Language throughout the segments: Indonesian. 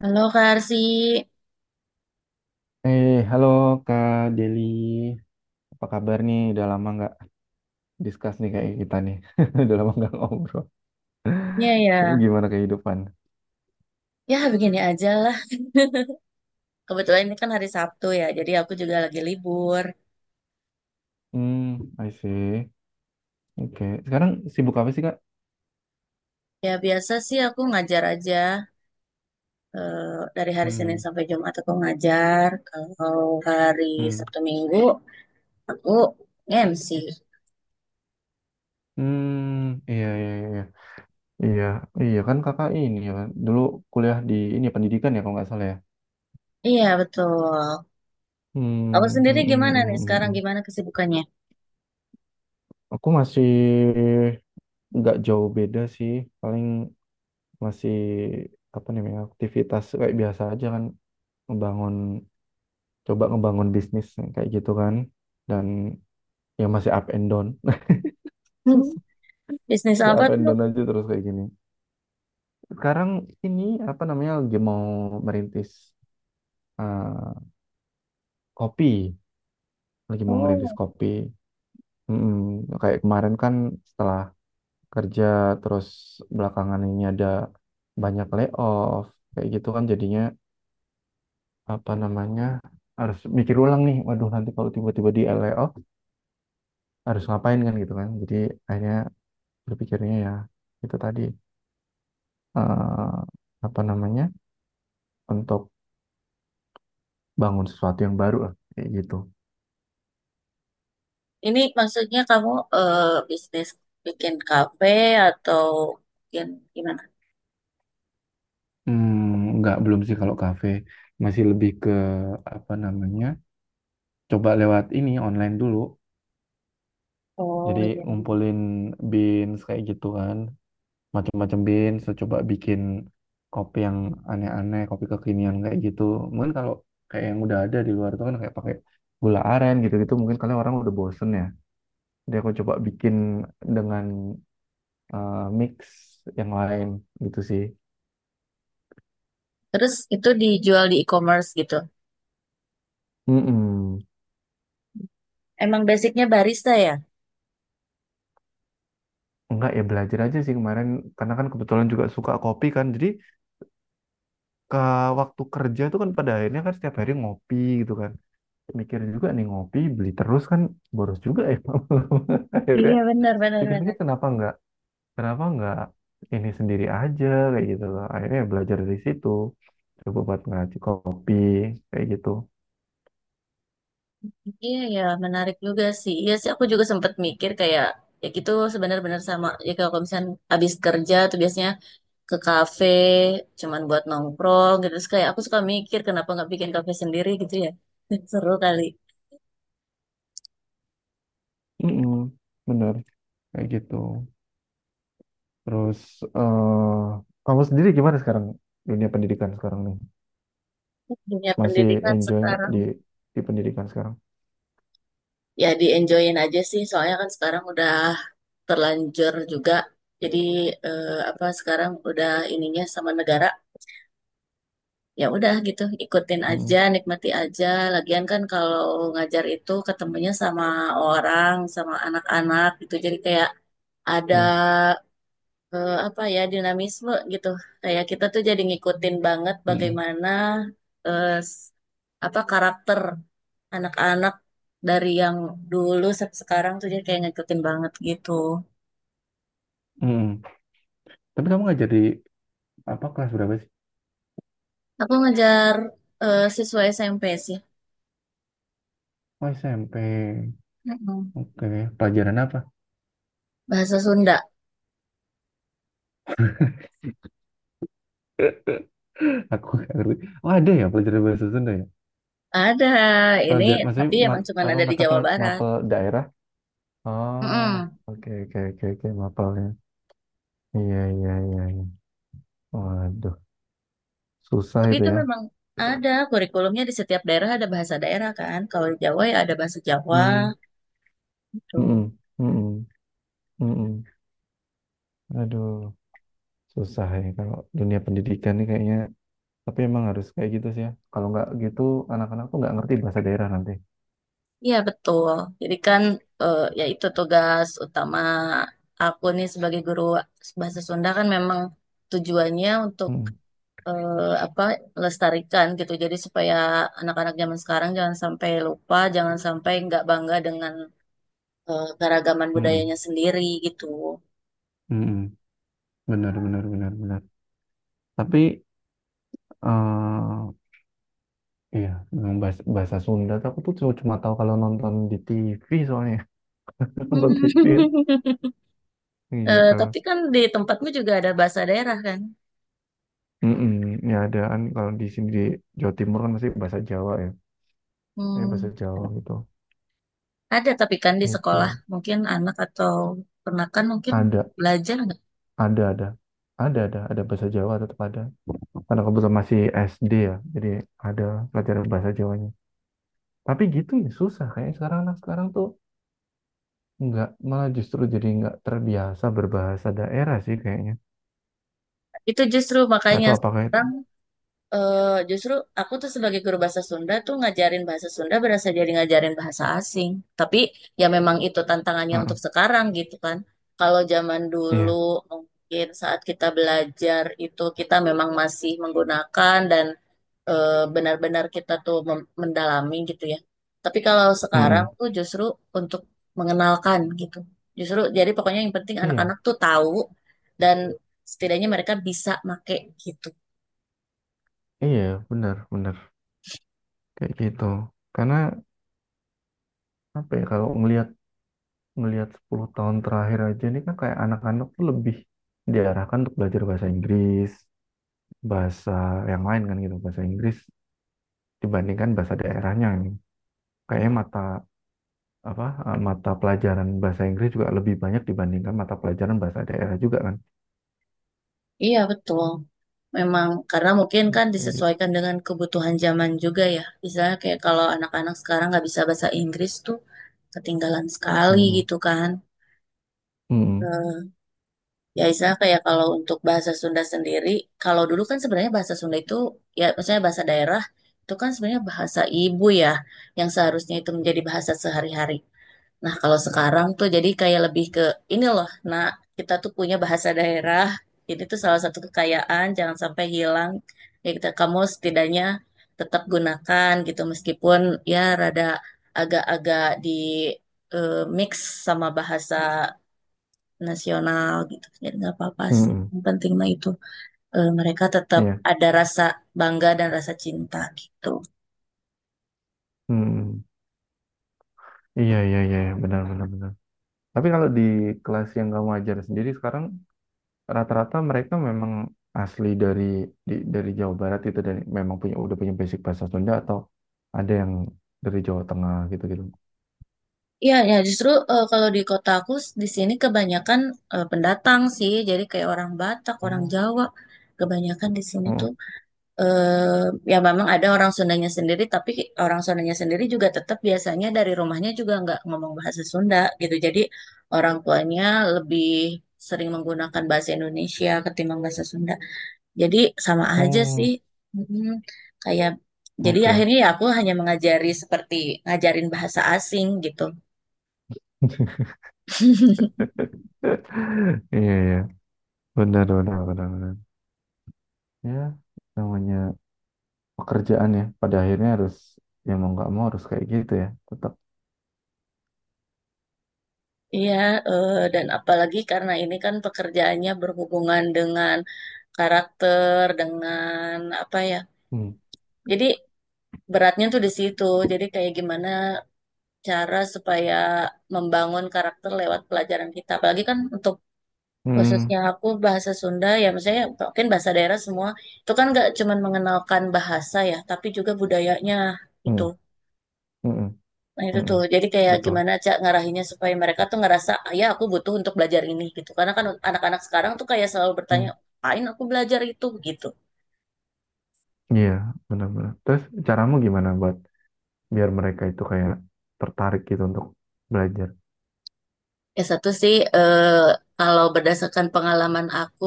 Halo Kak Arsi, Eh, halo Kak Deli, apa kabar nih? Udah lama nggak discuss nih kayak kita nih. Udah lama nggak ngobrol. ya Itu ya, gimana kehidupan? ya begini aja lah. Kebetulan ini kan hari Sabtu ya, jadi aku juga lagi libur. Hmm, I see. Oke. Sekarang sibuk apa sih Kak? Ya biasa sih aku ngajar aja eh, dari hari Senin Hmm, sampai Jumat aku ngajar. Kalau hari hmm, Sabtu Minggu aku MC. hmm. Iya, iya, iya. Iya, iya, iya, kan Kakak ini ya kan. Dulu kuliah di ini ya, pendidikan ya kalau nggak salah ya. Iya betul. Aku Hmm, sendiri hmm, hmm, gimana nih hmm, hmm, sekarang? hmm. Gimana kesibukannya? Aku masih nggak jauh beda sih. Paling masih apa namanya aktivitas kayak biasa aja kan, ngebangun ngebangun bisnis yang kayak gitu kan, dan yang masih up and down. Bisnis Masih apa up and tuh? down aja terus kayak gini. Sekarang ini apa namanya lagi mau merintis, eh, kopi, lagi mau ngerintis Oh, kopi. Mm-mm. Kayak kemarin kan setelah kerja terus belakangan ini ada banyak layoff kayak gitu kan, jadinya apa namanya harus mikir ulang nih, waduh nanti kalau tiba-tiba di layoff harus ngapain kan gitu kan, jadi akhirnya berpikirnya ya itu tadi, eh, apa namanya untuk bangun sesuatu yang baru lah kayak gitu. ini maksudnya kamu eh, bisnis bikin kafe atau bikin gimana? Hmm, nggak, belum sih kalau kafe, masih lebih ke apa namanya, coba lewat ini online dulu, Oh jadi iya. ngumpulin beans kayak gitu kan, macam-macam beans saya coba bikin kopi yang aneh-aneh, kopi kekinian kayak gitu. Mungkin kalau kayak yang udah ada di luar itu kan kayak pakai gula aren gitu-gitu, mungkin kalian orang udah bosen ya. Jadi aku coba bikin dengan, mix yang lain gitu sih. Terus itu dijual di e-commerce gitu. Mm-mm. Emang basicnya barista ya? Enggak, ya belajar aja sih kemarin, karena kan kebetulan juga suka kopi kan. Jadi ke waktu kerja tuh kan pada akhirnya kan setiap hari ngopi gitu kan. Mikir juga nih, ngopi beli terus kan boros juga ya. Akhirnya Iya benar benar pikir-pikir, benar. kenapa enggak ini sendiri aja kayak gitu loh. Akhirnya ya belajar dari situ. Coba buat ngaji kopi kayak gitu. Iya ya menarik juga sih. Iya sih aku juga sempat mikir kayak ya gitu sebenarnya benar sama. Ya kalau misalnya habis kerja tuh biasanya ke kafe cuman buat nongkrong gitu. Terus kayak aku suka mikir kenapa nggak bikin kafe sendiri gitu ya. Seru kali. Mm-mm. Bener kayak gitu. Terus eh kamu sendiri gimana sekarang, dunia pendidikan sekarang nih? Dunia Masih pendidikan enjoy nggak sekarang di pendidikan sekarang? ya di enjoyin aja sih. Soalnya kan sekarang udah terlanjur juga. Jadi apa sekarang udah ininya sama negara ya udah gitu ikutin aja Mm, nikmati aja lagian kan kalau ngajar itu ketemunya sama orang sama anak-anak gitu jadi kayak ada iya. Apa ya dinamisme gitu kayak kita tuh jadi ngikutin banget Mm-mm. bagaimana eh, s- apa karakter anak-anak dari yang dulu sampai sekarang tuh jadi kayak ngikutin banget gitu Tapi kamu ngajar di apa, kelas berapa sih? aku ngajar siswa SMP sih. Oh, SMP. Mm-mm. Oke, pelajaran apa? Bahasa Sunda. Aku nggak ngerti. Oh ada ya pelajaran bahasa Sunda ya? Ada, ini Pelajaran, maksudnya tapi emang cuma ada di Jawa Barat. mapel daerah. Ah, Mm-mm. oke, oke, oke, oke mapelnya. Iya, iya, iya. Iya. Waduh, susah Tapi itu itu ya. memang ada kurikulumnya di setiap daerah ada bahasa daerah kan. Kalau di Jawa ya ada bahasa Jawa Hmm, gitu. mm. Aduh, susah ya kalau dunia pendidikan nih kayaknya. Tapi emang harus kayak gitu sih ya. Kalau nggak gitu, anak-anak tuh nggak ngerti bahasa daerah nanti. Iya betul. Jadi kan ya itu tugas utama aku nih sebagai guru bahasa Sunda kan memang tujuannya untuk Hmm. eh, apa lestarikan gitu. Jadi supaya anak-anak zaman sekarang jangan sampai lupa, jangan sampai nggak bangga dengan keragaman Mm-mm. budayanya sendiri gitu. Mm-mm. Benar, benar, benar, benar. Tapi eh iya, memang bahasa Sunda tuh aku tuh cuma cuma tahu kalau nonton di TV soalnya. Nonton TV kan? Eh, Gitu. tapi kan di tempatmu juga ada bahasa daerah kan? Mm-mm. Ya ada kan, kalau di sini di Jawa Timur kan masih bahasa Jawa ya. Ya bahasa Hmm, Jawa gitu. ada tapi kan di sekolah Itu mungkin anak atau ponakan mungkin ada, belajar nggak? ada, ada, ada bahasa Jawa, tetap ada. Karena kebetulan masih SD ya, jadi ada pelajaran bahasa Jawanya. Tapi gitu ya, susah kayak sekarang, anak sekarang tuh nggak, malah justru jadi nggak terbiasa berbahasa daerah sih kayaknya, Itu justru makanya atau apakah itu. sekarang justru aku tuh sebagai guru bahasa Sunda tuh ngajarin bahasa Sunda berasa jadi ngajarin bahasa asing. Tapi ya memang itu tantangannya Heeh. untuk sekarang gitu kan. Kalau zaman dulu Iya. mungkin saat kita belajar itu kita memang masih menggunakan dan benar-benar kita tuh mendalami gitu ya. Tapi kalau sekarang Mm-mm. tuh justru untuk mengenalkan gitu. Justru jadi pokoknya yang penting Iya, anak-anak tuh tahu dan setidaknya mereka bisa make gitu. iya, benar, benar kayak gitu, karena apa ya, kalau ngelihat ngelihat 10 tahun terakhir aja ini kan, kayak anak-anak tuh lebih diarahkan untuk belajar bahasa Inggris, bahasa yang lain kan gitu, bahasa Inggris dibandingkan bahasa daerahnya. Kayaknya mata mata pelajaran bahasa Inggris juga lebih banyak dibandingkan mata pelajaran bahasa daerah juga kan, Iya betul. Memang karena mungkin kan kayak gitu. disesuaikan dengan kebutuhan zaman juga ya. Misalnya kayak kalau anak-anak sekarang nggak bisa bahasa Inggris tuh ketinggalan sekali Mm, gitu kan. mm, Ya, istilah kayak kalau untuk bahasa Sunda sendiri, kalau dulu kan sebenarnya bahasa Sunda itu, ya maksudnya bahasa daerah, itu kan sebenarnya bahasa ibu ya, yang seharusnya itu menjadi bahasa sehari-hari. Nah, kalau sekarang tuh jadi kayak lebih ke, ini loh, nah kita tuh punya bahasa daerah, ini tuh salah satu kekayaan, jangan sampai hilang. Ya, kita, kamu setidaknya tetap gunakan gitu, meskipun ya rada agak-agak di mix sama bahasa nasional gitu. Jadi nggak apa-apa mm, sih. mm, Yang penting mah itu mereka tetap iya, ada rasa bangga dan rasa cinta gitu. mm. Iya, iya, iya, benar, benar, benar. Tapi kalau di kelas yang kamu ajar sendiri sekarang, rata-rata mereka memang asli dari, dari Jawa Barat itu, dan memang udah punya basic bahasa Sunda, atau ada yang dari Jawa Tengah gitu gitu. Iya, ya justru kalau di kota aku di sini kebanyakan pendatang sih. Jadi kayak orang Batak, orang Oh, Jawa. Kebanyakan di sini oh, tuh eh ya memang ada orang Sundanya sendiri, tapi orang Sundanya sendiri juga tetap biasanya dari rumahnya juga nggak ngomong bahasa Sunda gitu. Jadi orang tuanya lebih sering menggunakan bahasa Indonesia ketimbang bahasa Sunda. Jadi sama aja sih. oh, Mm-mm. Kayak jadi oke. akhirnya ya aku hanya mengajari seperti ngajarin bahasa asing gitu. Iya, iya, benar, benar, benar, benar. Ya namanya pekerjaan ya, pada akhirnya harus, ya mau nggak mau harus kayak gitu ya, tetap. Iya, dan apalagi karena ini kan pekerjaannya berhubungan dengan karakter, dengan apa ya. Hmm, Jadi beratnya tuh di situ. Jadi kayak gimana cara supaya membangun karakter lewat pelajaran kita. Apalagi kan untuk hmm, khususnya aku bahasa Sunda ya misalnya mungkin bahasa daerah semua itu kan nggak cuman mengenalkan bahasa ya tapi juga budayanya gitu hmm, hmm, nah itu hmm, hmm. tuh jadi kayak Betul. gimana cak ngarahinnya supaya mereka tuh ngerasa "Ah, ya aku butuh untuk belajar ini gitu karena kan anak-anak sekarang tuh kayak selalu bertanya Hmm. apain aku belajar itu gitu. Iya, benar-benar. Terus caramu gimana buat biar mereka itu kayak tertarik gitu untuk belajar? Ya satu sih kalau berdasarkan pengalaman aku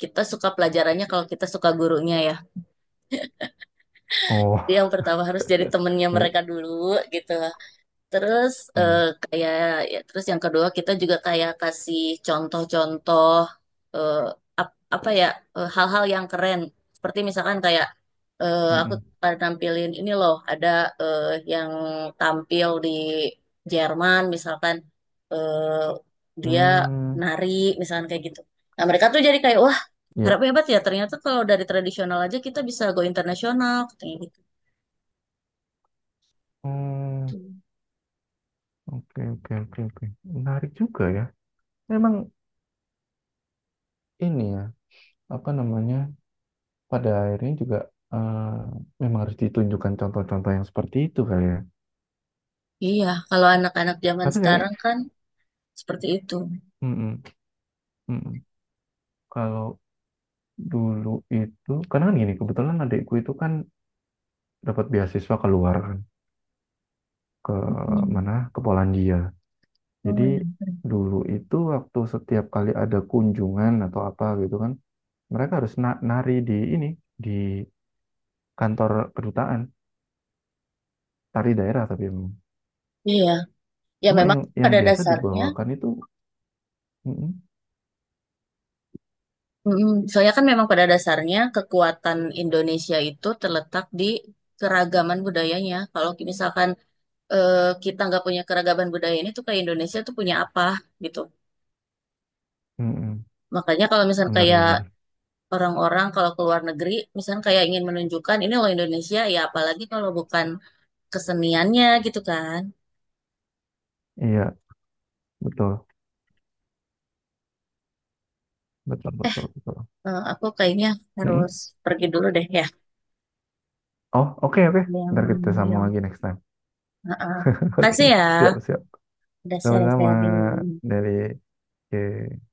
kita suka pelajarannya kalau kita suka gurunya ya Oh. jadi yang pertama harus jadi temennya Ini. mereka dulu gitu. Terus Hmm, kayak ya, terus yang kedua kita juga kayak kasih contoh-contoh eh, apa ya hal-hal yang keren. Seperti misalkan kayak hmm, aku hmm. pernah nampilin ini loh ada eh, yang tampil di Jerman misalkan dia Hmm, nari misalkan kayak gitu. Nah mereka tuh jadi kayak wah harap ya. hebat ya ternyata kalau dari tradisional aja kita bisa go internasional katanya gitu. Hmm. Oke, oke, oke, oke, menarik juga ya. Memang ini ya apa namanya pada akhirnya juga, eh, memang harus ditunjukkan contoh-contoh yang seperti itu kali ya. Iya, kalau anak-anak zaman Tapi kayak sekarang kan seperti itu. mm-mm, mm-mm. Kalau dulu itu karena kan gini, kebetulan adikku itu kan dapat beasiswa keluar kan, ke Hmm. mana, ke Polandia. Oh, Jadi ya. dulu itu waktu setiap kali ada kunjungan atau apa gitu kan, mereka harus nari di ini, di kantor kedutaan, tari daerah tapi memang. Iya, ya Cuma memang yang pada biasa dasarnya, dibawakan itu mm-mm, mm, soalnya kan memang pada dasarnya kekuatan Indonesia itu terletak di keragaman budayanya. Kalau misalkan kita nggak punya keragaman budaya ini tuh kayak Indonesia tuh punya apa gitu. mm-mm, Makanya kalau misalkan kayak benar-benar. orang-orang kalau ke luar negeri, misalkan kayak ingin menunjukkan ini loh Indonesia, ya apalagi kalau bukan keseniannya gitu kan. Iya, betul, betul, Eh, betul, betul. Aku kayaknya harus Mm-mm. pergi dulu deh ya. Oh, oke, oke. Ada yang Ntar kita sambung manggil. lagi next time. Heeh. Makasih Oke, ya siap, siap. udah Sama-sama sharing-sharing. dari... Oke.